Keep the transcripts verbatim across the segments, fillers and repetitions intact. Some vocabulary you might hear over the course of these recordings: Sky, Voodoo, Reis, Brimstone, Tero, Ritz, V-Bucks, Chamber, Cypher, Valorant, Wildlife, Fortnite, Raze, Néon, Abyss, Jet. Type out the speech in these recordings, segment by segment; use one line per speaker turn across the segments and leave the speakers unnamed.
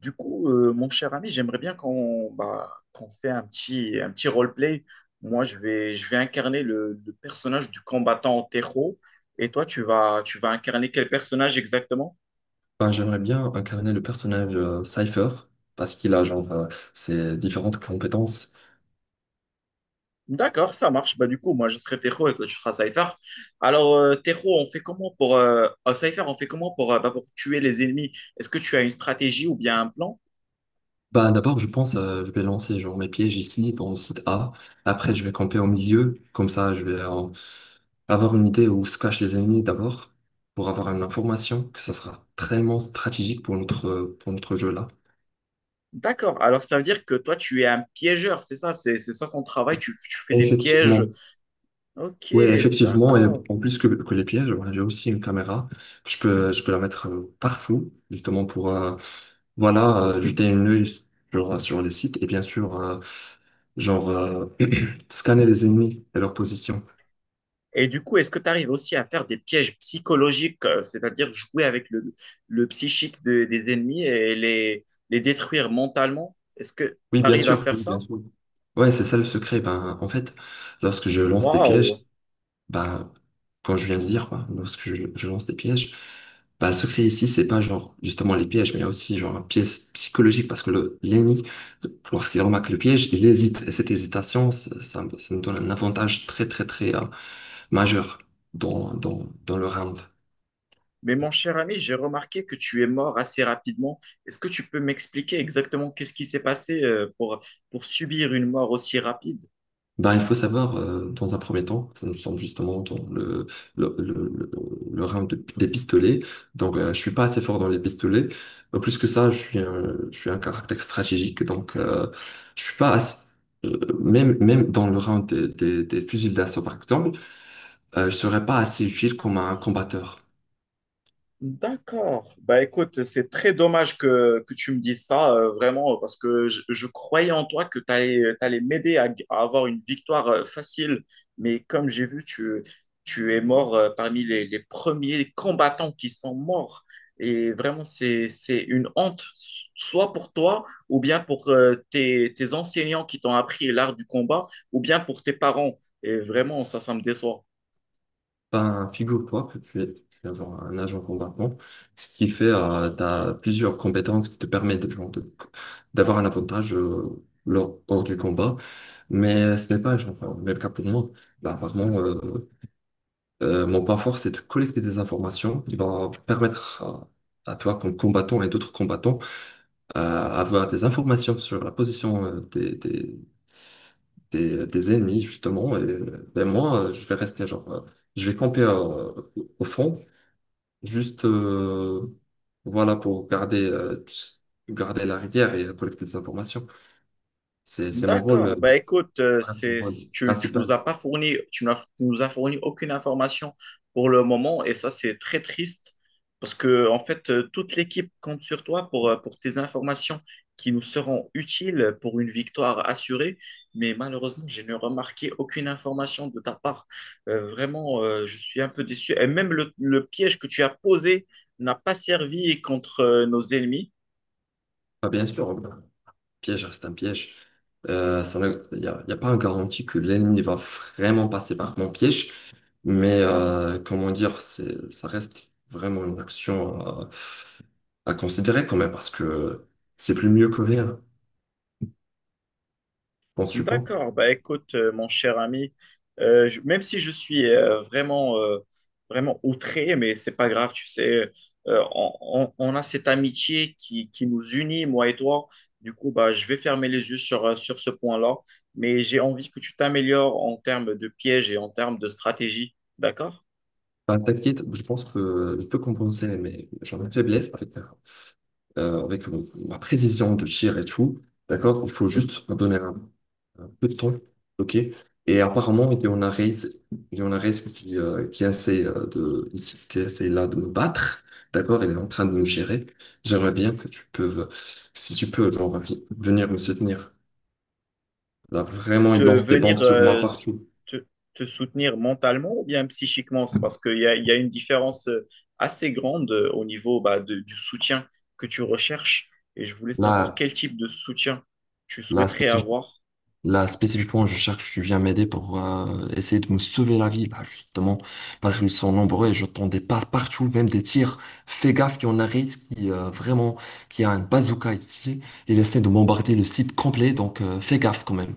Du coup, euh, mon cher ami, j'aimerais bien qu'on bah, qu'on fait un petit, un petit roleplay. Moi, je vais, je vais incarner le, le personnage du combattant Tero. Et toi, tu vas, tu vas incarner quel personnage exactement?
Ben, j'aimerais bien incarner le personnage euh, Cypher parce qu'il a genre euh, ses différentes compétences.
D'accord, ça marche. Bah, du coup, moi, je serai Tero et toi, tu seras Cypher. Alors, euh, Tero, on fait comment pour... euh, euh, Cypher, on fait comment pour, euh, bah, pour tuer les ennemis? Est-ce que tu as une stratégie ou bien un plan?
Ben, d'abord, je pense euh, je vais lancer genre mes pièges ici dans le site A. Après, je vais camper au milieu. Comme ça, je vais euh, avoir une idée où se cachent les ennemis d'abord pour avoir une information que ça sera vraiment stratégique pour notre, euh, pour notre jeu là.
D'accord, alors ça veut dire que toi, tu es un piégeur, c'est ça? C'est c'est ça son travail, tu, tu fais des pièges.
Effectivement.
Ok,
Oui, effectivement, et
d'accord.
en plus que, que les pièges, voilà, j'ai aussi une caméra. Je peux, je peux la mettre euh, partout, justement pour euh, voilà, euh, jeter un œil sur, sur les sites et bien sûr, euh, genre, euh, scanner les ennemis et leur position.
Et du coup, est-ce que tu arrives aussi à faire des pièges psychologiques, euh, c'est-à-dire jouer avec le, le psychique de- des ennemis et les, les détruire mentalement? Est-ce que tu
Oui, bien
arrives à
sûr,
faire
oui,
ça?
bien sûr. Ouais, c'est ça le secret. Ben, en fait, lorsque je lance des
Waouh!
pièges, bah, quand je viens de dire, quoi, lorsque je, je lance des pièges, bah, le secret ici, c'est pas genre justement les pièges, mais il y a aussi genre un piège psychologique parce que le- l'ennemi, lorsqu'il remarque le piège, il hésite. Et cette hésitation, ça, ça, ça nous donne un avantage très, très, très euh, majeur dans, dans, dans le round.
Mais mon cher ami, j'ai remarqué que tu es mort assez rapidement. Est-ce que tu peux m'expliquer exactement qu'est-ce qui s'est passé euh, pour, pour, subir une mort aussi rapide?
Ben il faut savoir, euh, dans un premier temps, ça nous sommes justement dans le, le, le, le- le round de- des pistolets. Donc, euh, je suis pas assez fort dans les pistolets. Euh, plus que ça, je suis un, je suis un caractère stratégique. Donc, euh, je suis pas assez- euh, même, même dans le round des, des, des fusils d'assaut, par exemple, euh, je serais pas assez utile comme un combatteur.
D'accord. Bah écoute, c'est très dommage que, que tu me dises ça, euh, vraiment, parce que je, je croyais en toi que tu allais, m'aider à, à avoir une victoire euh, facile. Mais comme j'ai vu, tu, tu es mort euh, parmi les, les premiers combattants qui sont morts. Et vraiment, c'est, c'est une honte, soit pour toi, ou bien pour euh, tes, tes enseignants qui t'ont appris l'art du combat, ou bien pour tes parents. Et vraiment, ça, ça me déçoit.
Ben, figure-toi que tu es, tu es genre un agent combattant, ce qui fait euh, tu plusieurs compétences qui te permettent genre, de- d'avoir un avantage euh, lors, hors du combat, mais ce n'est pas genre, euh, le même cas pour moi. Bah, vraiment, euh, euh, mon point fort, c'est de collecter des informations qui vont permettre à, à toi, comme combattant et d'autres combattants, euh, avoir des informations sur la position euh, des, des, des, des ennemis, justement. Et, ben, moi, euh, je vais rester genre, euh, je vais camper euh, au fond. Juste, euh, voilà, pour garder, euh, tu sais, garder la rivière et collecter des informations. C'est, c'est mon rôle, euh,
D'accord. Ben écoute, euh,
ouais, mon
c'est,
rôle
tu, tu nous
principal.
as pas fourni, tu n'as- tu nous as fourni aucune information pour le moment et ça c'est très triste parce que en fait euh, toute l'équipe compte sur toi pour, euh, pour tes informations qui nous seront utiles pour une victoire assurée. Mais malheureusement, je n'ai remarqué aucune information de ta part. Euh, vraiment, euh, je suis un peu déçu. Et même le, le piège que tu as posé n'a pas servi contre euh, nos ennemis.
Bah, bien sûr, un piège reste un piège. Euh, ça ne- Il n'y a, il y a pas une garantie que l'ennemi va vraiment passer par mon piège, mais euh, comment dire, c'est, ça reste vraiment une action à, à considérer quand même, parce que c'est plus mieux que rien, penses-tu pas?
D'accord, bah écoute, euh, mon cher ami, euh, je- même si je suis euh, vraiment, euh, vraiment outré, mais c'est pas grave, tu sais, euh, on, on- on a cette amitié qui, qui nous unit, moi et toi. Du coup, bah, je vais fermer les yeux sur, euh, sur ce point-là, mais j'ai envie que tu t'améliores en termes de pièges et en termes de stratégie, d'accord?
Bah, t'inquiète, je pense que je peux compenser mes, genre, mes faiblesses avec euh, avec euh, ma précision de tir et tout, d'accord? Il faut juste me donner un, un peu de temps, ok? Et apparemment, il y en a Reis, il y en a Reis qui, euh, qui essaie euh, de, ici, qui essaie là de me battre, d'accord? Il est en train de me gérer. J'aimerais bien que tu peux, si tu peux, genre, vi- venir me soutenir. Là, vraiment, il
De
lance des
venir
bombes sur moi
euh,
partout.
te, te soutenir mentalement ou bien psychiquement? C'est parce qu'il y a, il y a une différence euh, assez grande euh, au niveau bah, de- du soutien que tu recherches. Et je voulais savoir
Là,
quel type de soutien tu
là,
souhaiterais avoir.
Là, spécifiquement, je cherche, que tu viens m'aider pour euh, essayer de me sauver la vie, là, justement, parce qu'ils sont nombreux et j'entendais pas partout, même des tirs. Fais gaffe, il y en a Ritz qui, euh, vraiment, qui a un bazooka ici. Il essaie de bombarder le site complet, donc euh, fais gaffe quand même.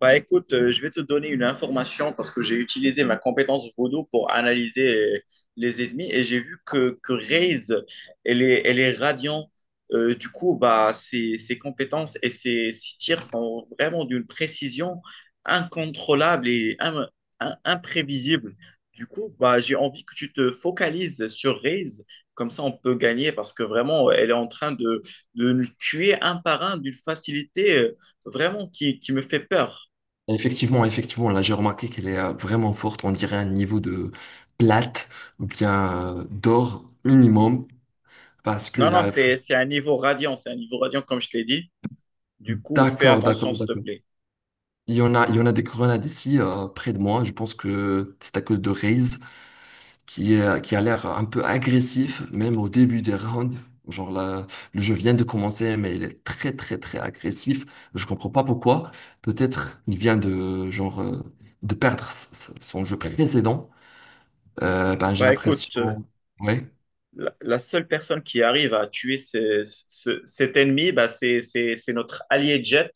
Bah écoute, euh, je vais te donner une information parce que j'ai utilisé ma compétence Voodoo pour analyser euh, les ennemis et j'ai vu que, que Raze, elle est, elle est radiant. Euh, du coup, bah, ses, ses compétences et ses, ses tirs sont vraiment d'une précision incontrôlable et im- im- imprévisible. Du coup, bah, j'ai envie que tu te focalises sur Raze, comme ça on peut gagner parce que vraiment, elle est en train de, de nous tuer un par un d'une facilité euh, vraiment qui, qui me fait peur.
Et effectivement, effectivement, là, j'ai remarqué qu'elle est euh, vraiment forte. On dirait un niveau de plate ou bien euh, d'or minimum, parce que
Non, non,
là, f-
c'est, c'est un niveau radiant, c'est un niveau radiant comme je t'ai dit. Du coup, fais
D'accord,
attention,
d'accord,
s'il te
d'accord.
plaît.
Il y en a, il y en a des grenades ici, euh, près de moi. Je pense que c'est à cause de Raze, qui est- qui a l'air un peu agressif, même au début des rounds. Genre là, le jeu vient de commencer, mais il est très très très agressif. Je comprends pas pourquoi. Peut-être il vient de genre euh, de perdre s- s- son jeu précédent. Euh, ben j'ai
Bah écoute, euh,
l'impression. Ouais.
la, la seule personne qui arrive à tuer ce- ce- cet ennemi, bah, c'est, c'est, c'est notre allié Jet,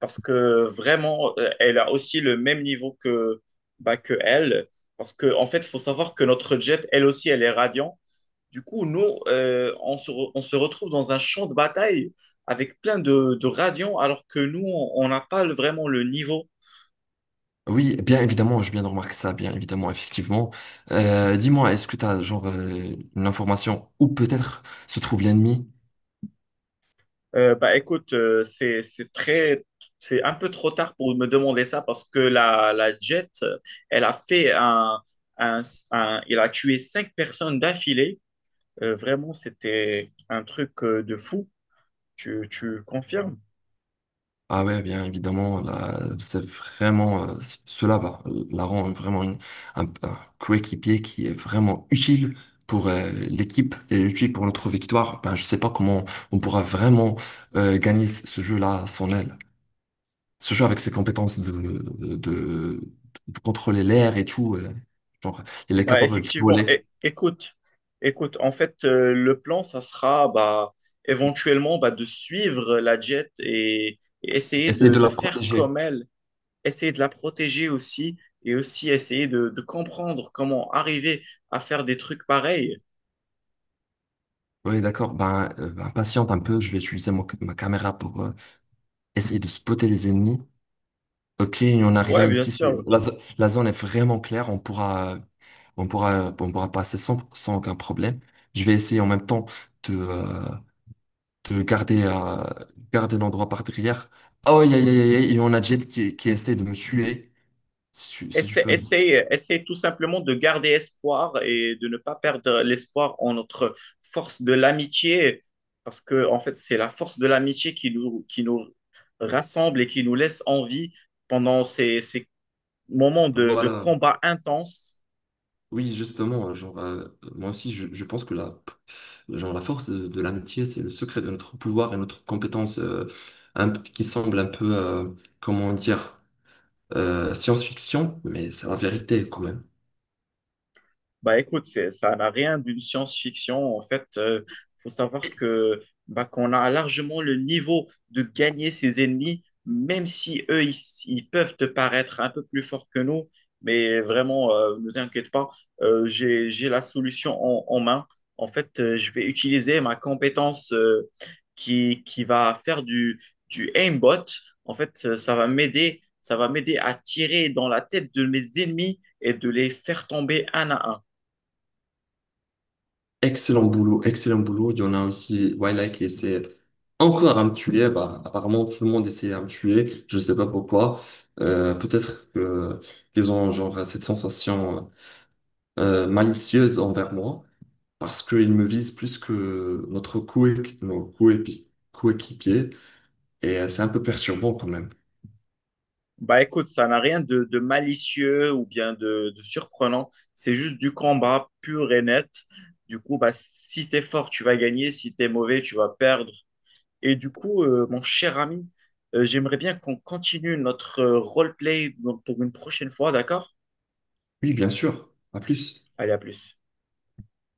parce que vraiment, euh, elle a aussi le même niveau que, bah, que elle. Parce que, en fait, il faut savoir que notre Jet, elle aussi, elle est radiant. Du coup, nous, euh, on se, re- on se retrouve dans un champ de bataille avec plein de, de radiants, alors que nous, on on n'a pas le- vraiment le niveau.
Oui, bien évidemment, je viens de remarquer ça, bien évidemment, effectivement. Euh, dis-moi, est-ce que tu as genre euh, une information où peut-être se trouve l'ennemi?
Euh, bah écoute, euh, c'est c'est très c'est un peu trop tard pour me demander ça parce que la la Jet, euh, elle a fait un un, un- il a tué cinq personnes d'affilée. Euh, vraiment, c'était un truc euh, de fou. Tu tu confirmes?
Ah ouais, bien évidemment, là, c'est vraiment euh, c- cela va euh, la rend vraiment une- un, un coéquipier qui est vraiment utile pour euh, l'équipe et utile pour notre victoire. Ben, je sais pas comment on pourra vraiment euh, gagner ce ce jeu-là à son aile. Ce jeu avec ses compétences de, de, de- de contrôler l'air et tout, euh, genre, il est
Bah
capable de
effectivement. É-
voler,
écoute, écoute. En fait, euh, le plan, ça sera bah éventuellement bah, de suivre la Jet et, et essayer
essayer
de
de
de
la
faire
protéger.
comme elle. Essayer de la protéger aussi et aussi essayer de, de comprendre comment arriver à faire des trucs pareils.
Oui, d'accord. Ben, euh, ben, patiente un peu, je vais utiliser mon- ma caméra pour euh, essayer de spotter les ennemis. Ok, il n'y en a rien
Ouais, bien
ici. C'est-
sûr.
La, zo- la zone est vraiment claire. On pourra, on pourra, on pourra passer sans, sans aucun problème. Je vais essayer en même temps de, euh, de garder, euh, garder l'endroit par derrière. Oh, aïe, aïe, aïe, aïe, aïe, il y en a Jet qui, qui essaie de me tuer. Si tu, si tu
Essaye,
peux.
essaye, essaye tout simplement de garder espoir et de ne pas perdre l'espoir en notre force de l'amitié, parce que en fait, c'est la force de l'amitié qui nous, qui nous rassemble et qui nous laisse en vie pendant ces, ces moments de, de
Voilà.
combat intense.
Oui, justement, genre, euh, moi aussi, je, je pense que la, genre, la force de, de l'amitié, c'est le secret de notre pouvoir et notre compétence euh, un- qui semble un peu, euh, comment dire, euh, science-fiction, mais c'est la vérité quand même.
Bah écoute, c'est, ça n'a rien d'une science-fiction. En fait, euh, faut savoir que bah, qu'on a largement le niveau de gagner ses ennemis, même si eux, ils, ils peuvent te paraître un peu plus forts que nous. Mais vraiment, euh, ne t'inquiète pas, euh, j'ai, j'ai la solution en, en main. En fait, euh, je vais utiliser ma compétence euh, qui, qui va faire du, du aimbot. En fait, euh, ça va m'aider, ça va m'aider à tirer dans la tête de mes ennemis et de les faire tomber un à un.
Excellent boulot, excellent boulot. Il y en a aussi Wildlife qui essaie encore à me tuer. Bah, apparemment, tout le monde essayait à me tuer. Je sais pas pourquoi. Euh, peut-être que qu'ils ont genre cette sensation euh, malicieuse envers moi parce qu'ils me visent plus que notre coé- nos coépi- coéquipiers. Et euh, c'est un peu perturbant quand même.
Bah écoute, ça n'a rien de, de malicieux ou bien de, de surprenant. C'est juste du combat pur et net. Du coup, bah, si t'es fort, tu vas gagner. Si t'es mauvais, tu vas perdre. Et du coup, euh, mon cher ami, euh, j'aimerais bien qu'on continue notre euh, roleplay pour une prochaine fois, d'accord?
Oui, bien sûr. À plus.
Allez, à plus.